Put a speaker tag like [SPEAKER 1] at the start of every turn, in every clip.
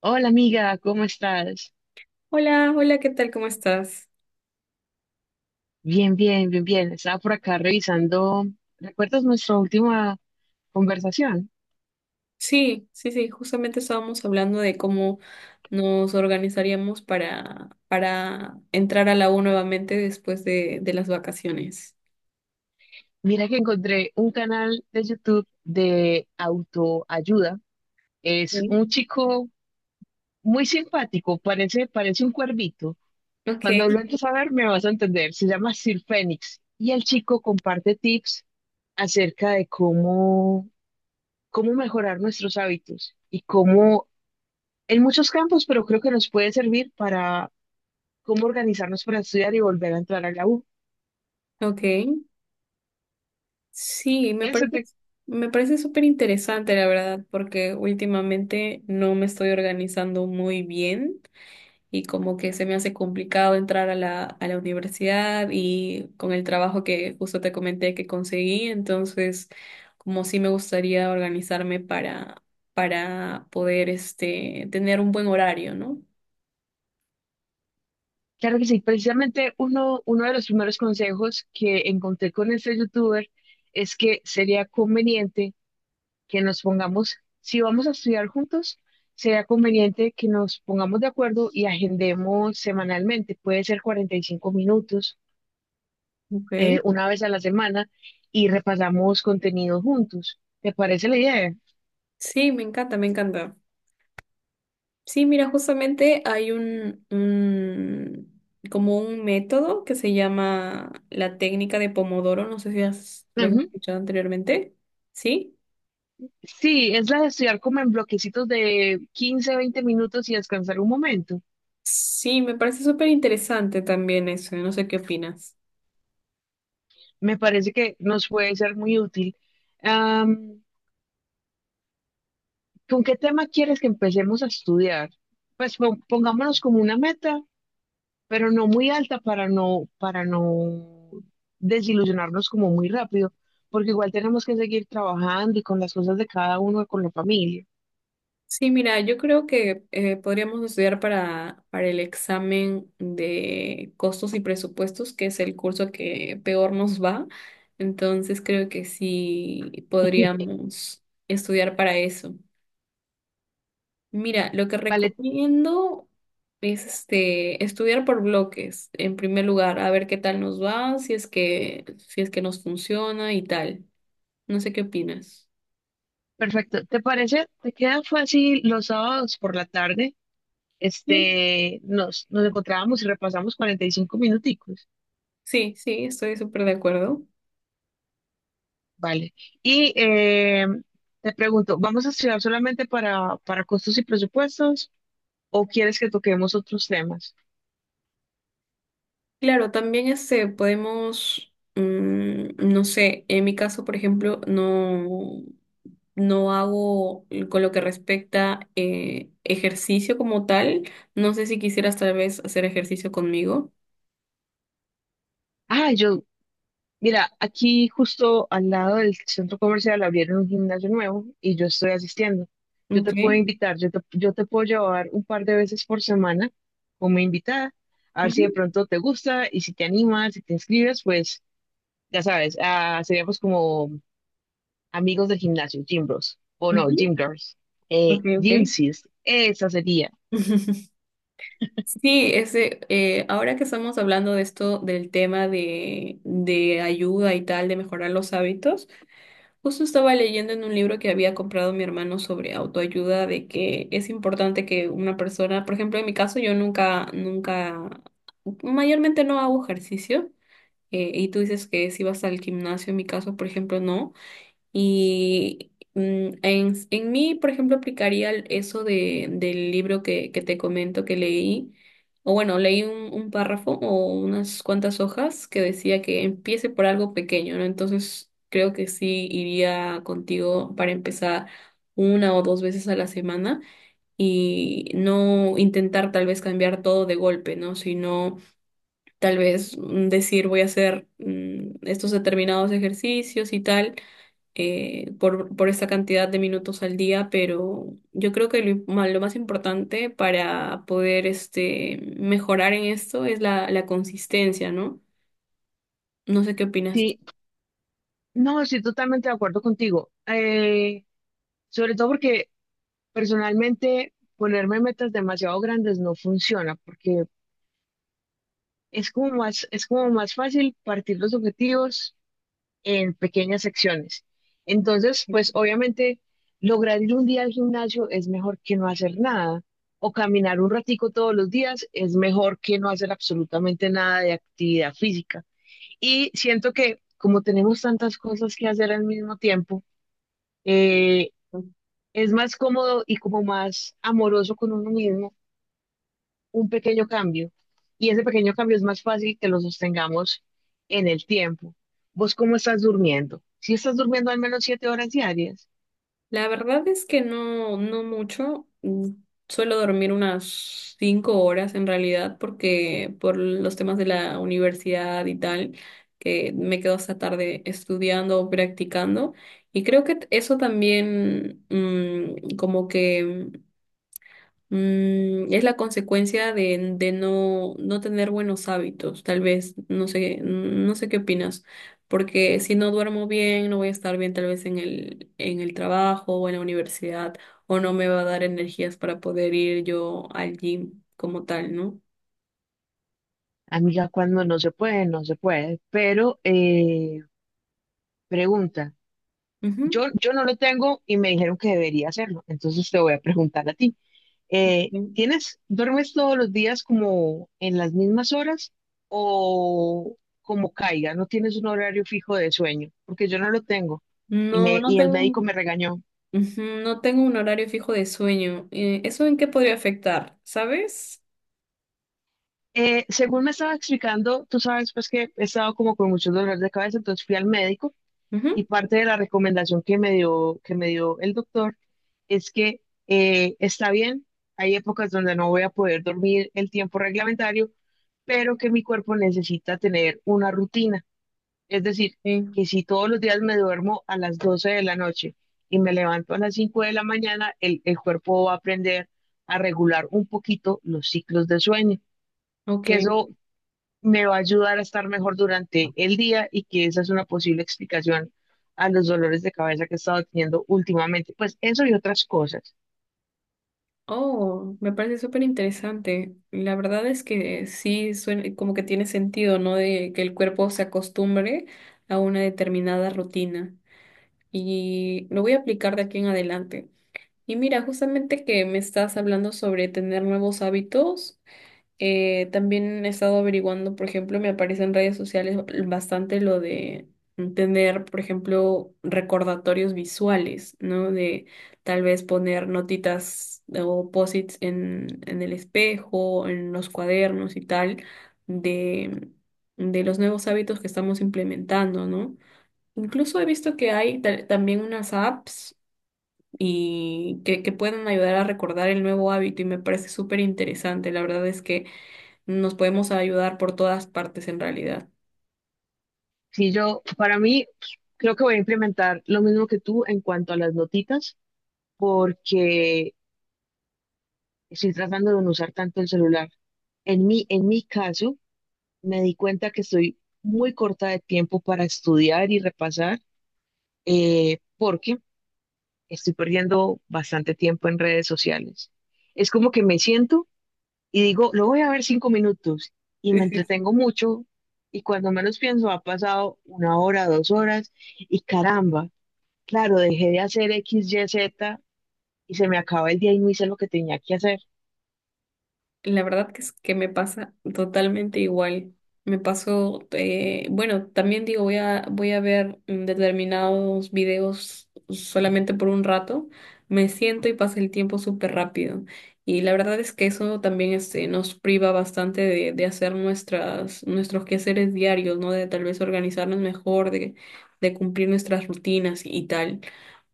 [SPEAKER 1] Hola amiga, ¿cómo estás?
[SPEAKER 2] Hola, hola, ¿qué tal? ¿Cómo estás?
[SPEAKER 1] Bien, bien, bien, bien. Estaba por acá revisando. ¿Recuerdas nuestra última conversación?
[SPEAKER 2] Sí, sí, sí, justamente estábamos hablando de cómo nos organizaríamos para entrar a la U nuevamente después de las vacaciones.
[SPEAKER 1] Mira que encontré un canal de YouTube de autoayuda. Es
[SPEAKER 2] Sí.
[SPEAKER 1] un chico muy simpático, parece un cuervito. Cuando
[SPEAKER 2] Ok,
[SPEAKER 1] lo empieces a ver me vas a entender. Se llama Sir Fénix y el chico comparte tips acerca de cómo mejorar nuestros hábitos y cómo en muchos campos, pero creo que nos puede servir para cómo organizarnos para estudiar y volver a entrar a la U.
[SPEAKER 2] ok. Sí, me parece,
[SPEAKER 1] Piénsate.
[SPEAKER 2] Me parece súper interesante, la verdad, porque últimamente no me estoy organizando muy bien. Y como que se me hace complicado entrar a la universidad, y con el trabajo que justo te comenté que conseguí. Entonces como sí me gustaría organizarme para poder este, tener un buen horario, ¿no?
[SPEAKER 1] Claro que sí, precisamente uno de los primeros consejos que encontré con este youtuber es que sería conveniente que nos pongamos, si vamos a estudiar juntos, sería conveniente que nos pongamos de acuerdo y agendemos semanalmente, puede ser 45 minutos,
[SPEAKER 2] Okay.
[SPEAKER 1] una vez a la semana, y repasamos contenido juntos. ¿Te parece la idea?
[SPEAKER 2] Sí, me encanta, me encanta. Sí, mira, justamente hay un como un método que se llama la técnica de Pomodoro. No sé si lo has
[SPEAKER 1] Ujú.
[SPEAKER 2] escuchado anteriormente, ¿sí?
[SPEAKER 1] Sí, es la de estudiar como en bloquecitos de 15, 20 minutos y descansar un momento.
[SPEAKER 2] Sí, me parece súper interesante también eso, no sé qué opinas.
[SPEAKER 1] Me parece que nos puede ser muy útil. Am, ¿Con qué tema quieres que empecemos a estudiar? Pues pongámonos como una meta, pero no muy alta para no desilusionarnos como muy rápido, porque igual tenemos que seguir trabajando y con las cosas de cada uno, con la familia.
[SPEAKER 2] Sí, mira, yo creo que podríamos estudiar para el examen de costos y presupuestos, que es el curso que peor nos va. Entonces creo que sí podríamos estudiar para eso. Mira, lo que
[SPEAKER 1] Vale,
[SPEAKER 2] recomiendo es este estudiar por bloques, en primer lugar, a ver qué tal nos va, si es que nos funciona y tal. No sé qué opinas.
[SPEAKER 1] perfecto. ¿Te parece? ¿Te queda fácil los sábados por la tarde? Nos encontrábamos y repasamos 45 minuticos,
[SPEAKER 2] Sí, sí, estoy súper de acuerdo.
[SPEAKER 1] ¿vale? Y te pregunto, ¿vamos a estudiar solamente para costos y presupuestos o quieres que toquemos otros temas?
[SPEAKER 2] Claro, también este, podemos, no sé, en mi caso, por ejemplo, no hago con lo que respecta ejercicio como tal. No sé si quisieras tal vez hacer ejercicio conmigo.
[SPEAKER 1] Ah, yo, mira, aquí justo al lado del centro comercial abrieron un gimnasio nuevo y yo estoy asistiendo. Yo
[SPEAKER 2] Ok.
[SPEAKER 1] te puedo invitar, yo te puedo llevar un par de veces por semana como invitada, a ver si de
[SPEAKER 2] Ujú,
[SPEAKER 1] pronto te gusta y si te animas, si te inscribes, pues ya sabes, ah, seríamos como amigos del gimnasio, gym bros. O no, gym
[SPEAKER 2] ujú.
[SPEAKER 1] girls.
[SPEAKER 2] Ok,
[SPEAKER 1] Gym
[SPEAKER 2] ok.
[SPEAKER 1] sis, esa sería.
[SPEAKER 2] Sí, ese, ahora que estamos hablando de esto, del tema de ayuda y tal, de mejorar los hábitos. Justo estaba leyendo en un libro que había comprado mi hermano sobre autoayuda, de que es importante que una persona, por ejemplo, en mi caso, yo nunca, mayormente no hago ejercicio, y tú dices que si vas al gimnasio, en mi caso, por ejemplo, no. Y en mí, por ejemplo, aplicaría eso del libro que te comento que leí, o bueno, leí un párrafo o unas cuantas hojas que decía que empiece por algo pequeño, ¿no? Entonces, creo que sí iría contigo para empezar una o dos veces a la semana, y no intentar tal vez cambiar todo de golpe, ¿no? Sino tal vez decir voy a hacer estos determinados ejercicios y tal, por esa cantidad de minutos al día. Pero yo creo que lo más importante para poder este, mejorar en esto es la consistencia, ¿no? No sé qué opinas tú.
[SPEAKER 1] Sí, no, estoy totalmente de acuerdo contigo. Sobre todo porque personalmente ponerme metas demasiado grandes no funciona porque es como más fácil partir los objetivos en pequeñas secciones. Entonces, pues obviamente lograr ir un día al gimnasio es mejor que no hacer nada, o caminar un ratico todos los días es mejor que no hacer absolutamente nada de actividad física. Y siento que como tenemos tantas cosas que hacer al mismo tiempo, eh, es más cómodo y como más amoroso con uno mismo un pequeño cambio y ese pequeño cambio es más fácil que lo sostengamos en el tiempo. ¿Vos cómo estás durmiendo? Si estás durmiendo al menos 7 horas diarias,
[SPEAKER 2] La verdad es que no mucho. Mm, suelo dormir unas 5 horas en realidad, porque por los temas de la universidad y tal, que me quedo hasta tarde estudiando o practicando. Y creo que eso también es la consecuencia de no tener buenos hábitos, tal vez, no sé, no sé qué opinas, porque si no duermo bien, no voy a estar bien tal vez en en el trabajo o en la universidad, o no me va a dar energías para poder ir yo al gym como tal, no.
[SPEAKER 1] amiga, cuando no se puede, no se puede. Pero pregunta,
[SPEAKER 2] Ujú.
[SPEAKER 1] yo no lo tengo y me dijeron que debería hacerlo, entonces te voy a preguntar a ti.
[SPEAKER 2] Mm.
[SPEAKER 1] ¿Tienes, duermes todos los días como en las mismas horas o como caiga? ¿No tienes un horario fijo de sueño? Porque yo no lo tengo
[SPEAKER 2] No, no
[SPEAKER 1] y el
[SPEAKER 2] tengo
[SPEAKER 1] médico
[SPEAKER 2] un,
[SPEAKER 1] me regañó.
[SPEAKER 2] ujú, no tengo un horario fijo de sueño. ¿Eso en qué podría afectar? ¿Sabes?
[SPEAKER 1] Según me estaba explicando, tú sabes pues que he estado como con muchos dolores de cabeza, entonces fui al médico y
[SPEAKER 2] Ujú.
[SPEAKER 1] parte de la recomendación que me dio el doctor es que está bien, hay épocas donde no voy a poder dormir el tiempo reglamentario, pero que mi cuerpo necesita tener una rutina. Es decir,
[SPEAKER 2] Sí,
[SPEAKER 1] que si todos los días me duermo a las 12 de la noche y me levanto a las 5 de la mañana, el cuerpo va a aprender a regular un poquito los ciclos de sueño, que
[SPEAKER 2] ok.
[SPEAKER 1] eso me va a ayudar a estar mejor durante el día y que esa es una posible explicación a los dolores de cabeza que he estado teniendo últimamente. Pues eso y otras cosas.
[SPEAKER 2] Oh, me parece súper interesante. La verdad es que sí suena como que tiene sentido, ¿no? De que el cuerpo se acostumbre a una determinada rutina. Y lo voy a aplicar de aquí en adelante. Y mira, justamente que me estás hablando sobre tener nuevos hábitos. También he estado averiguando, por ejemplo, me aparece en redes sociales bastante lo de tener, por ejemplo, recordatorios visuales, ¿no? De tal vez poner notitas o posits en el espejo, en los cuadernos y tal, de, de los nuevos hábitos que estamos implementando, ¿no? Incluso he visto que hay también unas apps que pueden ayudar a recordar el nuevo hábito, y me parece súper interesante. La verdad es que nos podemos ayudar por todas partes en realidad.
[SPEAKER 1] Si yo, para mí, creo que voy a implementar lo mismo que tú en cuanto a las notitas, porque estoy tratando de no usar tanto el celular. En mi caso, me di cuenta que estoy muy corta de tiempo para estudiar y repasar, porque estoy perdiendo bastante tiempo en redes sociales. Es como que me siento y digo, lo voy a ver 5 minutos y
[SPEAKER 2] Sí,
[SPEAKER 1] me
[SPEAKER 2] sí, sí.
[SPEAKER 1] entretengo mucho y cuando menos pienso ha pasado una hora, dos horas y caramba, claro, dejé de hacer X, Y, Z y se me acaba el día y no hice lo que tenía que hacer.
[SPEAKER 2] La verdad que es que me pasa totalmente igual. Me paso bueno, también digo, voy a ver determinados videos solamente por un rato. Me siento y pasa el tiempo súper rápido. Y la verdad es que eso también este, nos priva bastante de hacer nuestros quehaceres diarios, ¿no? De tal vez organizarnos mejor, de cumplir nuestras rutinas y tal.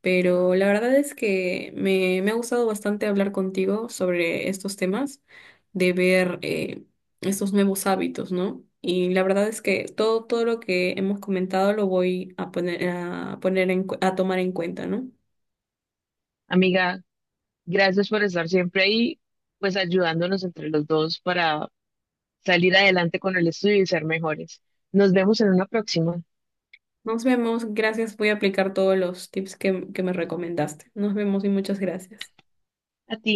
[SPEAKER 2] Pero la verdad es que me ha gustado bastante hablar contigo sobre estos temas, de ver estos nuevos hábitos, ¿no? Y la verdad es que todo lo que hemos comentado lo voy a poner en, a tomar en cuenta, ¿no?
[SPEAKER 1] Amiga, gracias por estar siempre ahí, pues ayudándonos entre los dos para salir adelante con el estudio y ser mejores. Nos vemos en una próxima.
[SPEAKER 2] Nos vemos, gracias, voy a aplicar todos los tips que me recomendaste. Nos vemos y muchas gracias.
[SPEAKER 1] A ti.